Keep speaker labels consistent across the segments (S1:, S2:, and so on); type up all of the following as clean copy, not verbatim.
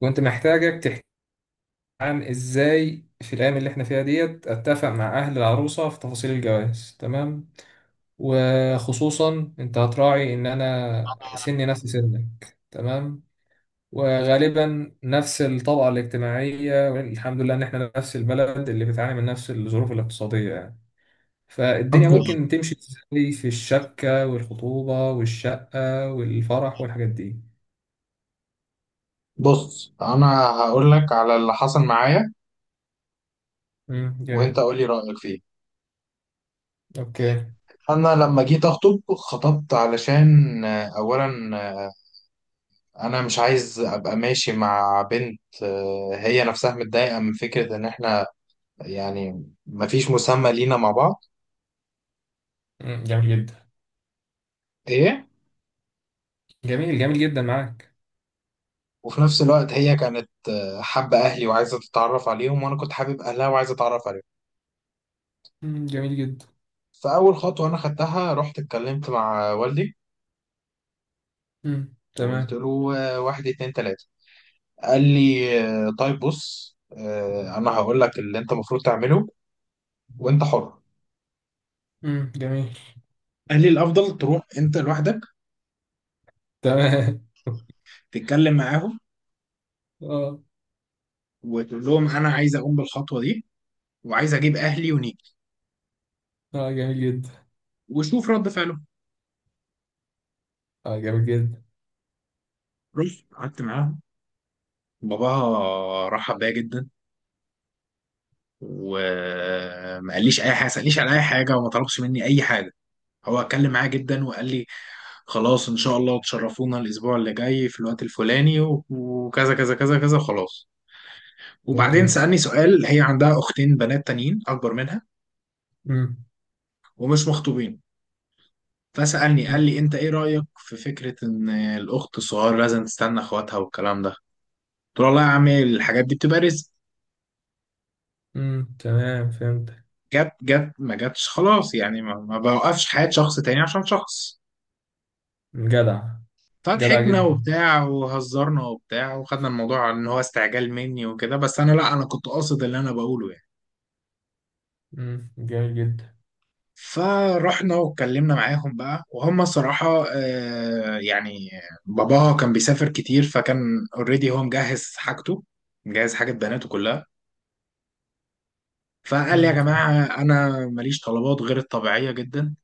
S1: كنت محتاجك تحكي عن ازاي في الايام اللي احنا فيها ديت اتفق مع اهل العروسه في تفاصيل الجواز. تمام. وخصوصا انت هتراعي ان انا سني نفس سنك. تمام. وغالبا نفس الطبقه الاجتماعيه، والحمد لله ان احنا نفس البلد اللي بتعاني من نفس الظروف الاقتصاديه، يعني فالدنيا ممكن تمشي ازاي في الشبكه والخطوبه والشقه والفرح والحاجات دي.
S2: بص، انا هقول لك على اللي حصل معايا. وانت
S1: جميل.
S2: قول لي رايك فيه.
S1: اوكي.
S2: انا لما جيت اخطب خطبت علشان اولا، انا مش عايز ابقى ماشي مع بنت هي نفسها متضايقه من فكره ان احنا يعني مفيش مسمى لينا مع بعض.
S1: جميل جدا.
S2: ايه.
S1: جميل جدا معاك.
S2: وفي نفس الوقت هي كانت حابه اهلي وعايزه تتعرف عليهم، وانا كنت حابب اهلها وعايزه اتعرف عليهم.
S1: جميل جدا.
S2: فاول خطوه انا خدتها رحت اتكلمت مع والدي وقلت
S1: تمام.
S2: له واحد اتنين تلاته. قال لي طيب بص، انا هقول لك اللي انت المفروض تعمله وانت حر.
S1: جميل.
S2: قال لي الافضل تروح انت لوحدك
S1: تمام
S2: تتكلم معاهم
S1: اه.
S2: وتقول لهم انا عايز اقوم بالخطوه دي وعايز اجيب اهلي ونيجي
S1: اه جميل جدا.
S2: وشوف رد فعلهم.
S1: اه جميل جدا.
S2: رحت قعدت معاهم. باباها رحب بيا جدا وما قاليش اي حاجه سالنيش على اي حاجه وما طلبش مني اي حاجه. هو اتكلم معايا جدا وقال لي خلاص ان شاء الله تشرفونا الاسبوع اللي جاي في الوقت الفلاني وكذا كذا كذا كذا خلاص.
S1: جميل
S2: وبعدين
S1: جدا.
S2: سألني سؤال. هي عندها أختين بنات تانيين أكبر منها
S1: مم.
S2: ومش مخطوبين. فسألني قال
S1: مم.
S2: لي أنت إيه رأيك في فكرة إن الأخت الصغيرة لازم تستنى إخواتها والكلام ده؟ قلت له والله يا عمي الحاجات دي بتبقى رزق.
S1: تمام، فهمت.
S2: جت جت ما جتش خلاص يعني، ما بوقفش حياة شخص تاني عشان شخص.
S1: جدع. جدع
S2: فضحكنا
S1: جدا.
S2: وبتاع وهزرنا وبتاع وخدنا الموضوع إن هو استعجال مني وكده، بس أنا لا، أنا كنت قاصد اللي أنا بقوله يعني.
S1: جميل جدا.
S2: فرحنا واتكلمنا معاهم بقى، وهم صراحة يعني باباها كان بيسافر كتير، فكان اوريدي هو مجهز حاجته، مجهز حاجة بناته كلها. فقال لي يا
S1: مم.
S2: جماعة، أنا ماليش طلبات غير الطبيعية جدا،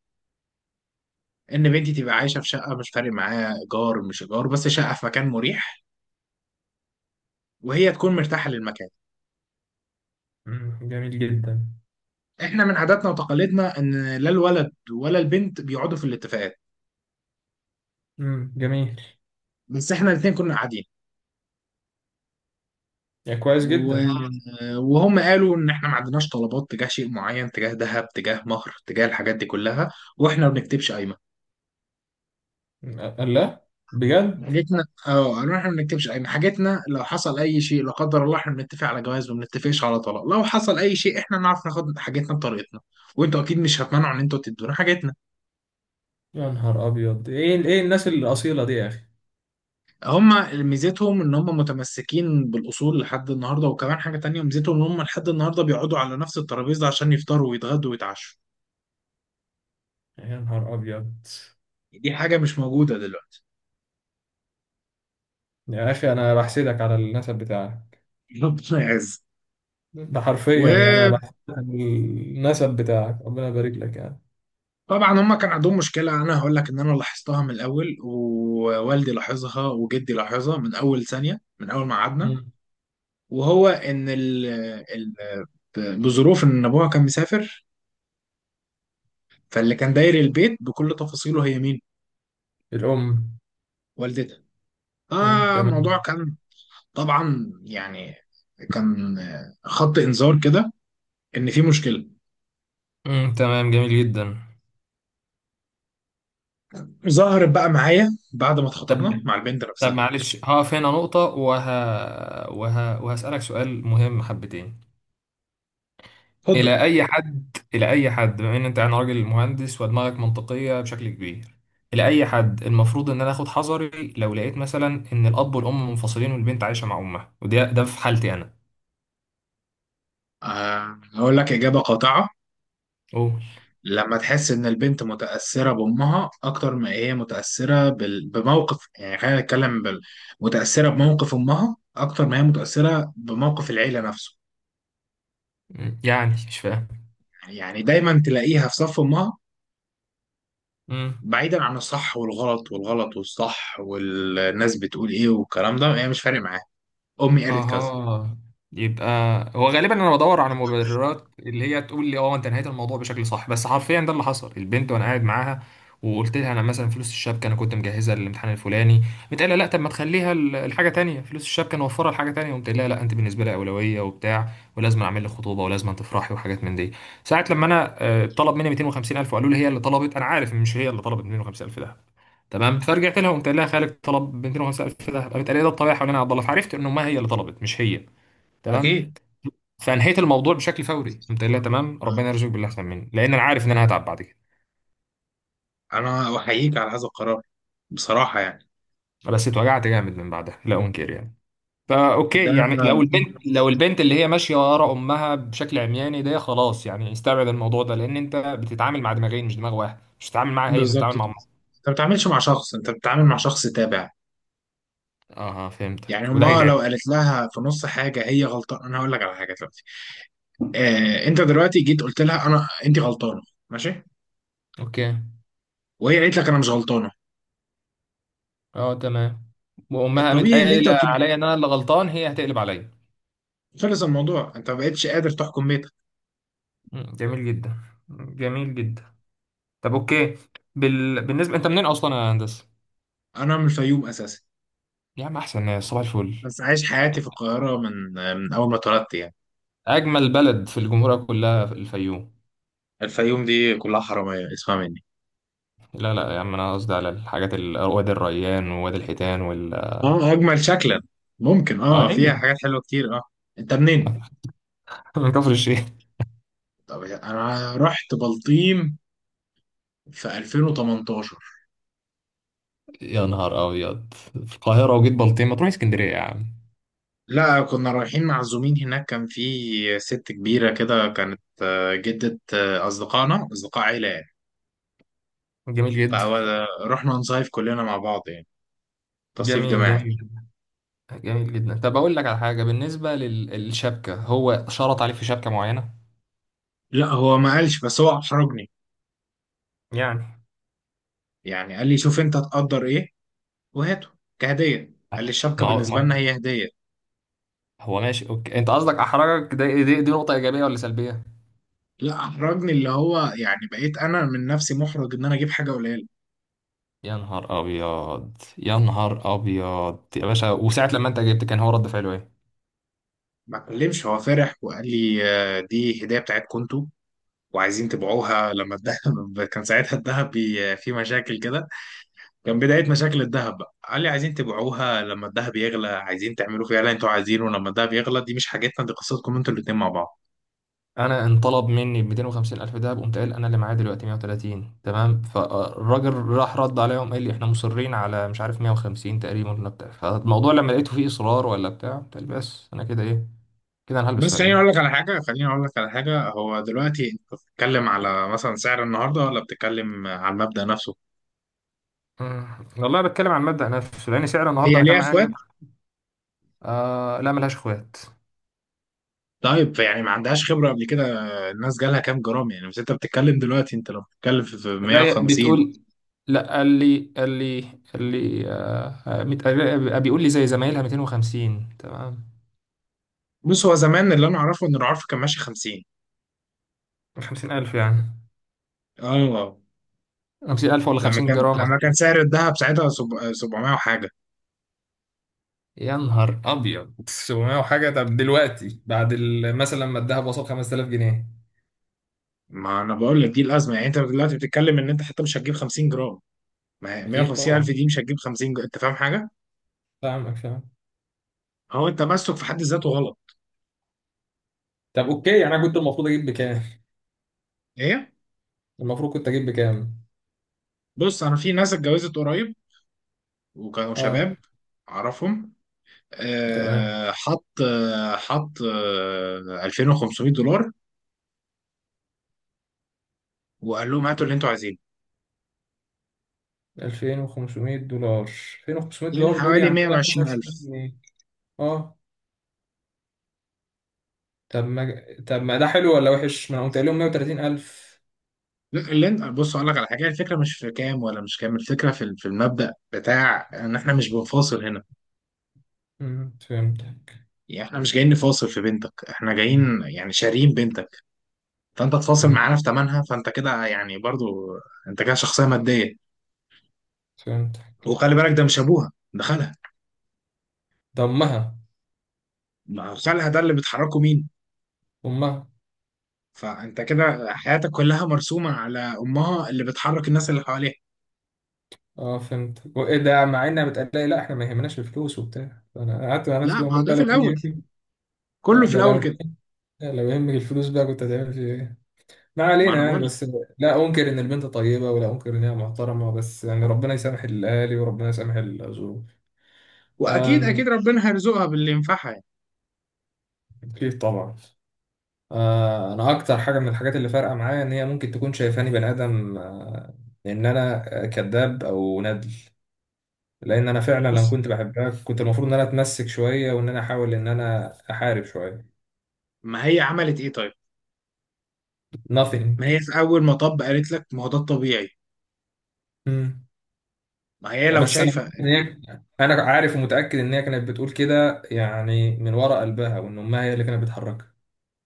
S2: إن بنتي تبقى عايشة في شقة، مش فارق معاها إيجار مش إيجار، بس شقة في مكان مريح وهي تكون مرتاحة للمكان.
S1: جميل جدا.
S2: إحنا من عاداتنا وتقاليدنا إن لا الولد ولا البنت بيقعدوا في الاتفاقات،
S1: جميل.
S2: بس إحنا الاتنين كنا قاعدين.
S1: يعني كويس
S2: و...
S1: جدا.
S2: وهم قالوا ان احنا ما عندناش طلبات تجاه شيء معين، تجاه ذهب، تجاه مهر، تجاه الحاجات دي كلها. واحنا ما بنكتبش قايمه.
S1: الله، بجد.
S2: حاجتنا، قالوا احنا ما بنكتبش قايمه، حاجتنا لو حصل اي شيء لا قدر الله احنا بنتفق على جواز ما بنتفقش على طلاق. لو حصل اي شيء احنا نعرف ناخد حاجتنا بطريقتنا، وانتوا اكيد مش هتمنعوا ان انتوا تدونا حاجتنا.
S1: يا نهار ابيض، ايه ايه الناس الاصيله دي يا اخي.
S2: هم ميزتهم ان هم متمسكين بالاصول لحد النهارده. وكمان حاجه تانية، ميزتهم ان هم لحد النهارده بيقعدوا على نفس الترابيزه عشان يفطروا ويتغدوا ويتعشوا.
S1: يا نهار ابيض.
S2: دي حاجه مش موجوده دلوقتي.
S1: يا اخي انا بحسدك على النسب بتاعك.
S2: ربنا يعز.
S1: ده حرفيا يعني انا
S2: وطبعا
S1: بحس. النسب بتاعك، ربنا يبارك لك يعني.
S2: هما كان عندهم مشكلة، أنا هقول لك إن أنا لاحظتها من الأول ووالدي لاحظها وجدي لاحظها من أول ثانية من أول ما قعدنا.
S1: مم.
S2: وهو إن ال ال بظروف إن أبوها كان مسافر، فاللي كان داير البيت بكل تفاصيله هي مين؟
S1: الام.
S2: والدتها.
S1: مم.
S2: فالموضوع
S1: تمام.
S2: كان طبعا يعني كان خط إنذار كده إن في مشكلة.
S1: مم. تمام، جميل جدا.
S2: ظهرت بقى معايا بعد ما
S1: طب،
S2: اتخطبنا مع البنت
S1: طب
S2: نفسها.
S1: معلش هقف هنا نقطة، وهسألك سؤال مهم حبتين.
S2: اتفضل.
S1: إلى أي حد بما إن أنت يعني راجل مهندس ودماغك منطقية بشكل كبير، إلى أي حد المفروض إن أنا آخد حذري لو لقيت مثلا إن الأب والأم منفصلين والبنت عايشة مع أمها؟ وده في حالتي أنا.
S2: هقول لك إجابة قاطعة.
S1: أوه.
S2: لما تحس ان البنت متاثره بامها اكتر ما هي متاثره بموقف، يعني خلينا نتكلم متاثره بموقف امها اكتر ما هي متاثره بموقف العيله نفسه.
S1: مم. يعني مش فاهم.
S2: يعني دايما تلاقيها في صف امها،
S1: مم.
S2: بعيدا عن الصح والغلط والغلط والصح والناس بتقول ايه والكلام ده، هي مش فارق معاها. امي قالت كذا.
S1: اها. يبقى، هو غالبا انا بدور على مبررات اللي هي تقول لي اه انت نهيت الموضوع بشكل صح، بس حرفيا ده اللي حصل. البنت وانا قاعد معاها وقلت لها انا مثلا فلوس الشبكه انا كنت مجهزها للامتحان الفلاني، بتقول لا طب ما تخليها الحاجه تانية، فلوس الشبكه نوفرها لحاجه تانية. قمت قايل لها لا انت بالنسبه لي اولويه وبتاع، ولازم اعمل لك خطوبه ولازم تفرحي وحاجات من دي. ساعه لما انا طلب مني 250,000 وقالوا لي هي اللي طلبت، انا عارف إن مش هي اللي طلبت 250,000 ده. تمام، فرجعت لها وقمت قايل لها خالد طلب 250,000 ذهب، قامت قايله لي ده الطبيعي حوالين عبد الله، فعرفت انه ما هي اللي طلبت، مش هي. تمام.
S2: اكيد.
S1: فانهيت الموضوع بشكل فوري، قمت قايل لها تمام ربنا يرزقك باللي احسن مني، لان انا عارف ان انا هتعب بعد كده.
S2: انا احييك على هذا القرار بصراحه يعني.
S1: بس اتوجعت جامد من بعدها لا انكر يعني. فا
S2: ده
S1: اوكي، يعني لو البنت اللي هي ماشيه ورا امها بشكل عمياني، ده خلاص يعني استبعد الموضوع ده، لان انت بتتعامل مع دماغين مش دماغ واحد، مش بتتعامل معاها هي، انت
S2: بالظبط
S1: بتتعامل مع
S2: كده.
S1: امها.
S2: انت ما بتتعاملش مع شخص، انت بتتعامل مع شخص تابع.
S1: اه
S2: يعني
S1: فهمتك، وده
S2: هما
S1: هيتعب.
S2: لو قالت لها في نص حاجه هي غلطانه، انا هقول لك على حاجه دلوقتي. آه، انت دلوقتي جيت قلت لها انا انت غلطانه. ماشي.
S1: اوكي.
S2: وهي قالت لك انا مش غلطانه.
S1: اه تمام. وامها قامت
S2: الطبيعي ان انت
S1: قايله
S2: تقول-
S1: عليا ان انا اللي غلطان، هي هتقلب عليا.
S2: خلص الموضوع، انت ما بقتش قادر تحكم بيتك.
S1: مم. جميل جدا. جميل جدا. طب اوكي، بال... بالنسبه انت منين اصلا يا هندسه؟
S2: انا من الفيوم اساسا،
S1: يا عم احسن، يا صباح الفل.
S2: بس عايش حياتي في القاهره من من اول ما اتولدت يعني.
S1: اجمل بلد في الجمهوريه كلها في الفيوم.
S2: الفيوم دي كلها حراميه اسمها مني.
S1: لا لا يا عم، انا قصدي على الحاجات ال... وادي الريان ووادي الحيتان وال...
S2: اه، اجمل شكلا. ممكن،
S1: اه
S2: اه فيها
S1: ايوه.
S2: حاجات حلوه كتير. اه. انت منين؟
S1: من كفر الشيخ.
S2: طب انا رحت بلطيم في 2018.
S1: يا نهار ابيض، في القاهره وجيت بلطيم؟ ما تروح اسكندريه يا عم.
S2: لا كنا رايحين معزومين هناك، كان في ست كبيرة كده كانت جدة أصدقائنا، أصدقاء عيلة يعني.
S1: جميل جدا.
S2: فرحنا نصيف كلنا مع بعض، يعني تصيف
S1: جميل
S2: جماعي.
S1: جميل جدا جميل جدا. طب اقول لك على حاجه، بالنسبه للشبكه، هو شرط عليك في شبكه معينه
S2: لا هو ما قالش، بس هو أحرجني
S1: يعني؟
S2: يعني. قال لي شوف أنت تقدر إيه وهاته كهدية. قال لي الشبكة
S1: ما هو.
S2: بالنسبة لنا هي هدية.
S1: هو ماشي اوكي، انت قصدك احرجك ده، دي نقطة ايجابية ولا سلبية؟
S2: لا، أحرجني اللي هو يعني بقيت أنا من نفسي محرج إن أنا أجيب حاجة قليلة.
S1: يا نهار ابيض. يا نهار ابيض يا باشا. وساعة لما انت جبت، كان هو رد فعله ايه؟
S2: ما اتكلمش، هو فرح وقال لي دي هدية بتاعتكم انتوا، وعايزين تبيعوها لما الذهب كان ساعتها الذهب في مشاكل كده. كان بداية مشاكل الذهب بقى قال لي عايزين تبيعوها لما الذهب يغلى، عايزين تعملوا فيها اللي انتوا عايزينه لما الذهب يغلى. دي مش حاجتنا، دي قصتكم انتوا الاتنين مع بعض.
S1: انا انطلب مني ب 250 الف دهب، قمت قايل انا اللي معايا دلوقتي 130. تمام. فالراجل راح رد عليهم قال لي احنا مصرين على مش عارف 150 تقريبا ولا بتاع. فالموضوع لما لقيته فيه اصرار ولا بتاع، قلت بس انا كده ايه، كده انا هلبس في
S2: بس خليني اقول
S1: عيد.
S2: لك على حاجة، خليني اقول لك على حاجة. هو دلوقتي انت بتتكلم على مثلا سعر النهاردة، ولا بتتكلم على المبدأ نفسه؟
S1: مم. والله بتكلم عن مبدأ نفسه، لان سعر النهارده
S2: هي
S1: انا كان
S2: ليها
S1: معايا
S2: اخوات؟
S1: 100. آه لا، ملهاش اخوات.
S2: طيب يعني ما عندهاش خبرة قبل كده. الناس جالها كام جرام يعني؟ بس انت بتتكلم دلوقتي، انت لو بتتكلم في
S1: لا ي-
S2: 150.
S1: بتقول لا. قال لي بيقول لي زي زمايلها 250. تمام.
S2: بص، هو زمان اللي انا اعرفه ان العرف كان ماشي 50.
S1: 50,000 يعني؟
S2: اه.
S1: 50,000 ولا
S2: لما
S1: 50
S2: كان
S1: جرام اصلا؟
S2: لما كان سعر الذهب ساعتها 700 وحاجه.
S1: يا نهار ابيض، 700 وحاجه؟ طب دلوقتي بعد مثلا لما الدهب وصل 5,000 جنيه.
S2: ما انا بقول لك دي الازمه، يعني انت دلوقتي بتتكلم ان انت حتى مش هتجيب 50 جرام. ما هي
S1: اكيد
S2: 150 الف
S1: طبعا.
S2: دي مش هتجيب 50 جرام، انت فاهم حاجه؟
S1: فاهمك، فاهم.
S2: هو التمسك في حد ذاته غلط.
S1: طب اوكي، يعني انا كنت المفروض اجيب بكام؟
S2: ايه.
S1: المفروض كنت اجيب بكام؟
S2: بص، انا في ناس اتجوزت قريب وكانوا
S1: اه
S2: شباب اعرفهم.
S1: تمام.
S2: حط حط 2500 دولار وقال لهم هاتوا اللي انتوا عايزينه.
S1: 2,500 دولار؟ 2500
S2: يعني
S1: دولار دول
S2: حوالي
S1: يعني 125
S2: 120,000.
S1: جنيه اه. طب ما ده حلو ولا وحش؟ ما انا قلت لهم 130 ألف.
S2: لا، اللي انت بص اقول لك على حاجه، الفكره مش في كام ولا مش كام، الفكره في المبدا بتاع ان احنا مش بنفاصل هنا.
S1: مم، فهمتك
S2: يعني احنا مش جايين نفاصل في بنتك، احنا جايين يعني شاريين بنتك، فانت تفاصل
S1: مم،
S2: معانا في ثمنها، فانت كده يعني برضو انت كده شخصيه ماديه.
S1: فهمتك
S2: وخلي بالك ده مش ابوها، ده خالها.
S1: ده أمها.
S2: ما هو خالها ده اللي بتحركه مين؟
S1: أمها.
S2: فانت كده حياتك كلها مرسومه على امها اللي بتحرك الناس اللي حواليها.
S1: اه فهمت. وإيه ده مع إنها بتقلقي لا إحنا ما يهمناش الفلوس وبتاع؟ أنا قعدت مع نفسي
S2: لا
S1: كده
S2: ما هو
S1: بقول
S2: ده
S1: بقى
S2: في
S1: لو كان
S2: الاول،
S1: يهم-.
S2: كله في
S1: ده
S2: الاول
S1: لو
S2: كده.
S1: كان. لو يهمك الفلوس بقى كنت هتعمل فيه إيه؟ ما
S2: ما
S1: علينا
S2: انا
S1: يعني،
S2: بقول لك.
S1: بس. لا أنكر إن البنت طيبة، ولا أنكر إنها محترمة، بس يعني ربنا يسامح الأهالي وربنا يسامح الظروف.
S2: واكيد
S1: أم.
S2: اكيد ربنا هيرزقها باللي ينفعها يعني.
S1: أكيد طبعا. انا اكتر حاجه من الحاجات اللي فارقه معايا ان هي ممكن تكون شايفاني بني ادم، ان انا كذاب او ندل. لان انا فعلا لما
S2: بص،
S1: كنت بحبها، كنت المفروض ان انا اتمسك شويه وان انا احاول ان انا احارب شويه.
S2: ما هي عملت ايه طيب؟
S1: nothing.
S2: ما هي في اول مطب قالت لك ما هو ده الطبيعي.
S1: مم.
S2: ما هي لو
S1: بس انا
S2: شايفه.
S1: إن هي-. انا عارف ومتاكد ان هي كانت بتقول كده يعني من وراء قلبها، وان امها هي اللي كانت بتحركها.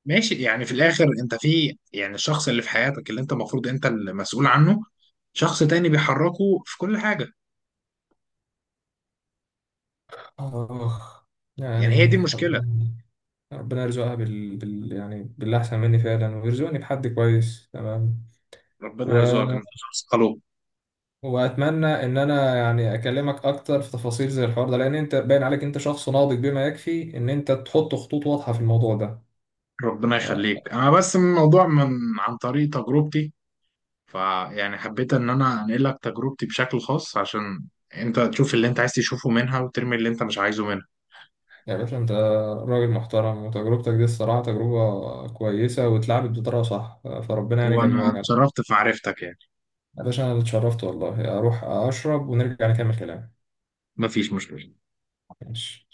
S2: ماشي، يعني في الاخر انت في يعني الشخص اللي في حياتك اللي انت المفروض انت المسؤول عنه، شخص تاني بيحركه في كل حاجه.
S1: اخ.
S2: يعني هي
S1: يعني
S2: دي المشكله.
S1: ربنا، ربنا يرزقها بال... بال... يعني باللي احسن مني فعلا، ويرزقني بحد كويس. تمام.
S2: ربنا
S1: و...
S2: يرزقك، انت شخص خلوق.
S1: واتمنى ان انا يعني اكلمك اكتر في تفاصيل زي الحوار ده، لان انت باين عليك انت شخص ناضج بما يكفي ان انت تحط خطوط واضحه في الموضوع ده.
S2: ربنا
S1: آه،
S2: يخليك. انا بس من الموضوع من عن طريق تجربتي، فيعني حبيت ان انا انقل لك تجربتي بشكل خاص عشان انت تشوف اللي انت عايز تشوفه منها وترمي اللي انت مش عايزه منها.
S1: يا باشا انت راجل محترم، وتجربتك دي الصراحه تجربه كويسه واتلعبت بطريقه صح، فربنا يعني يكملها
S2: وانا
S1: لك على خير.
S2: اتشرفت في معرفتك يعني.
S1: يا باشا انا اتشرفت والله، اروح اشرب ونرجع نكمل كلام.
S2: مفيش مشكله.
S1: ماشي.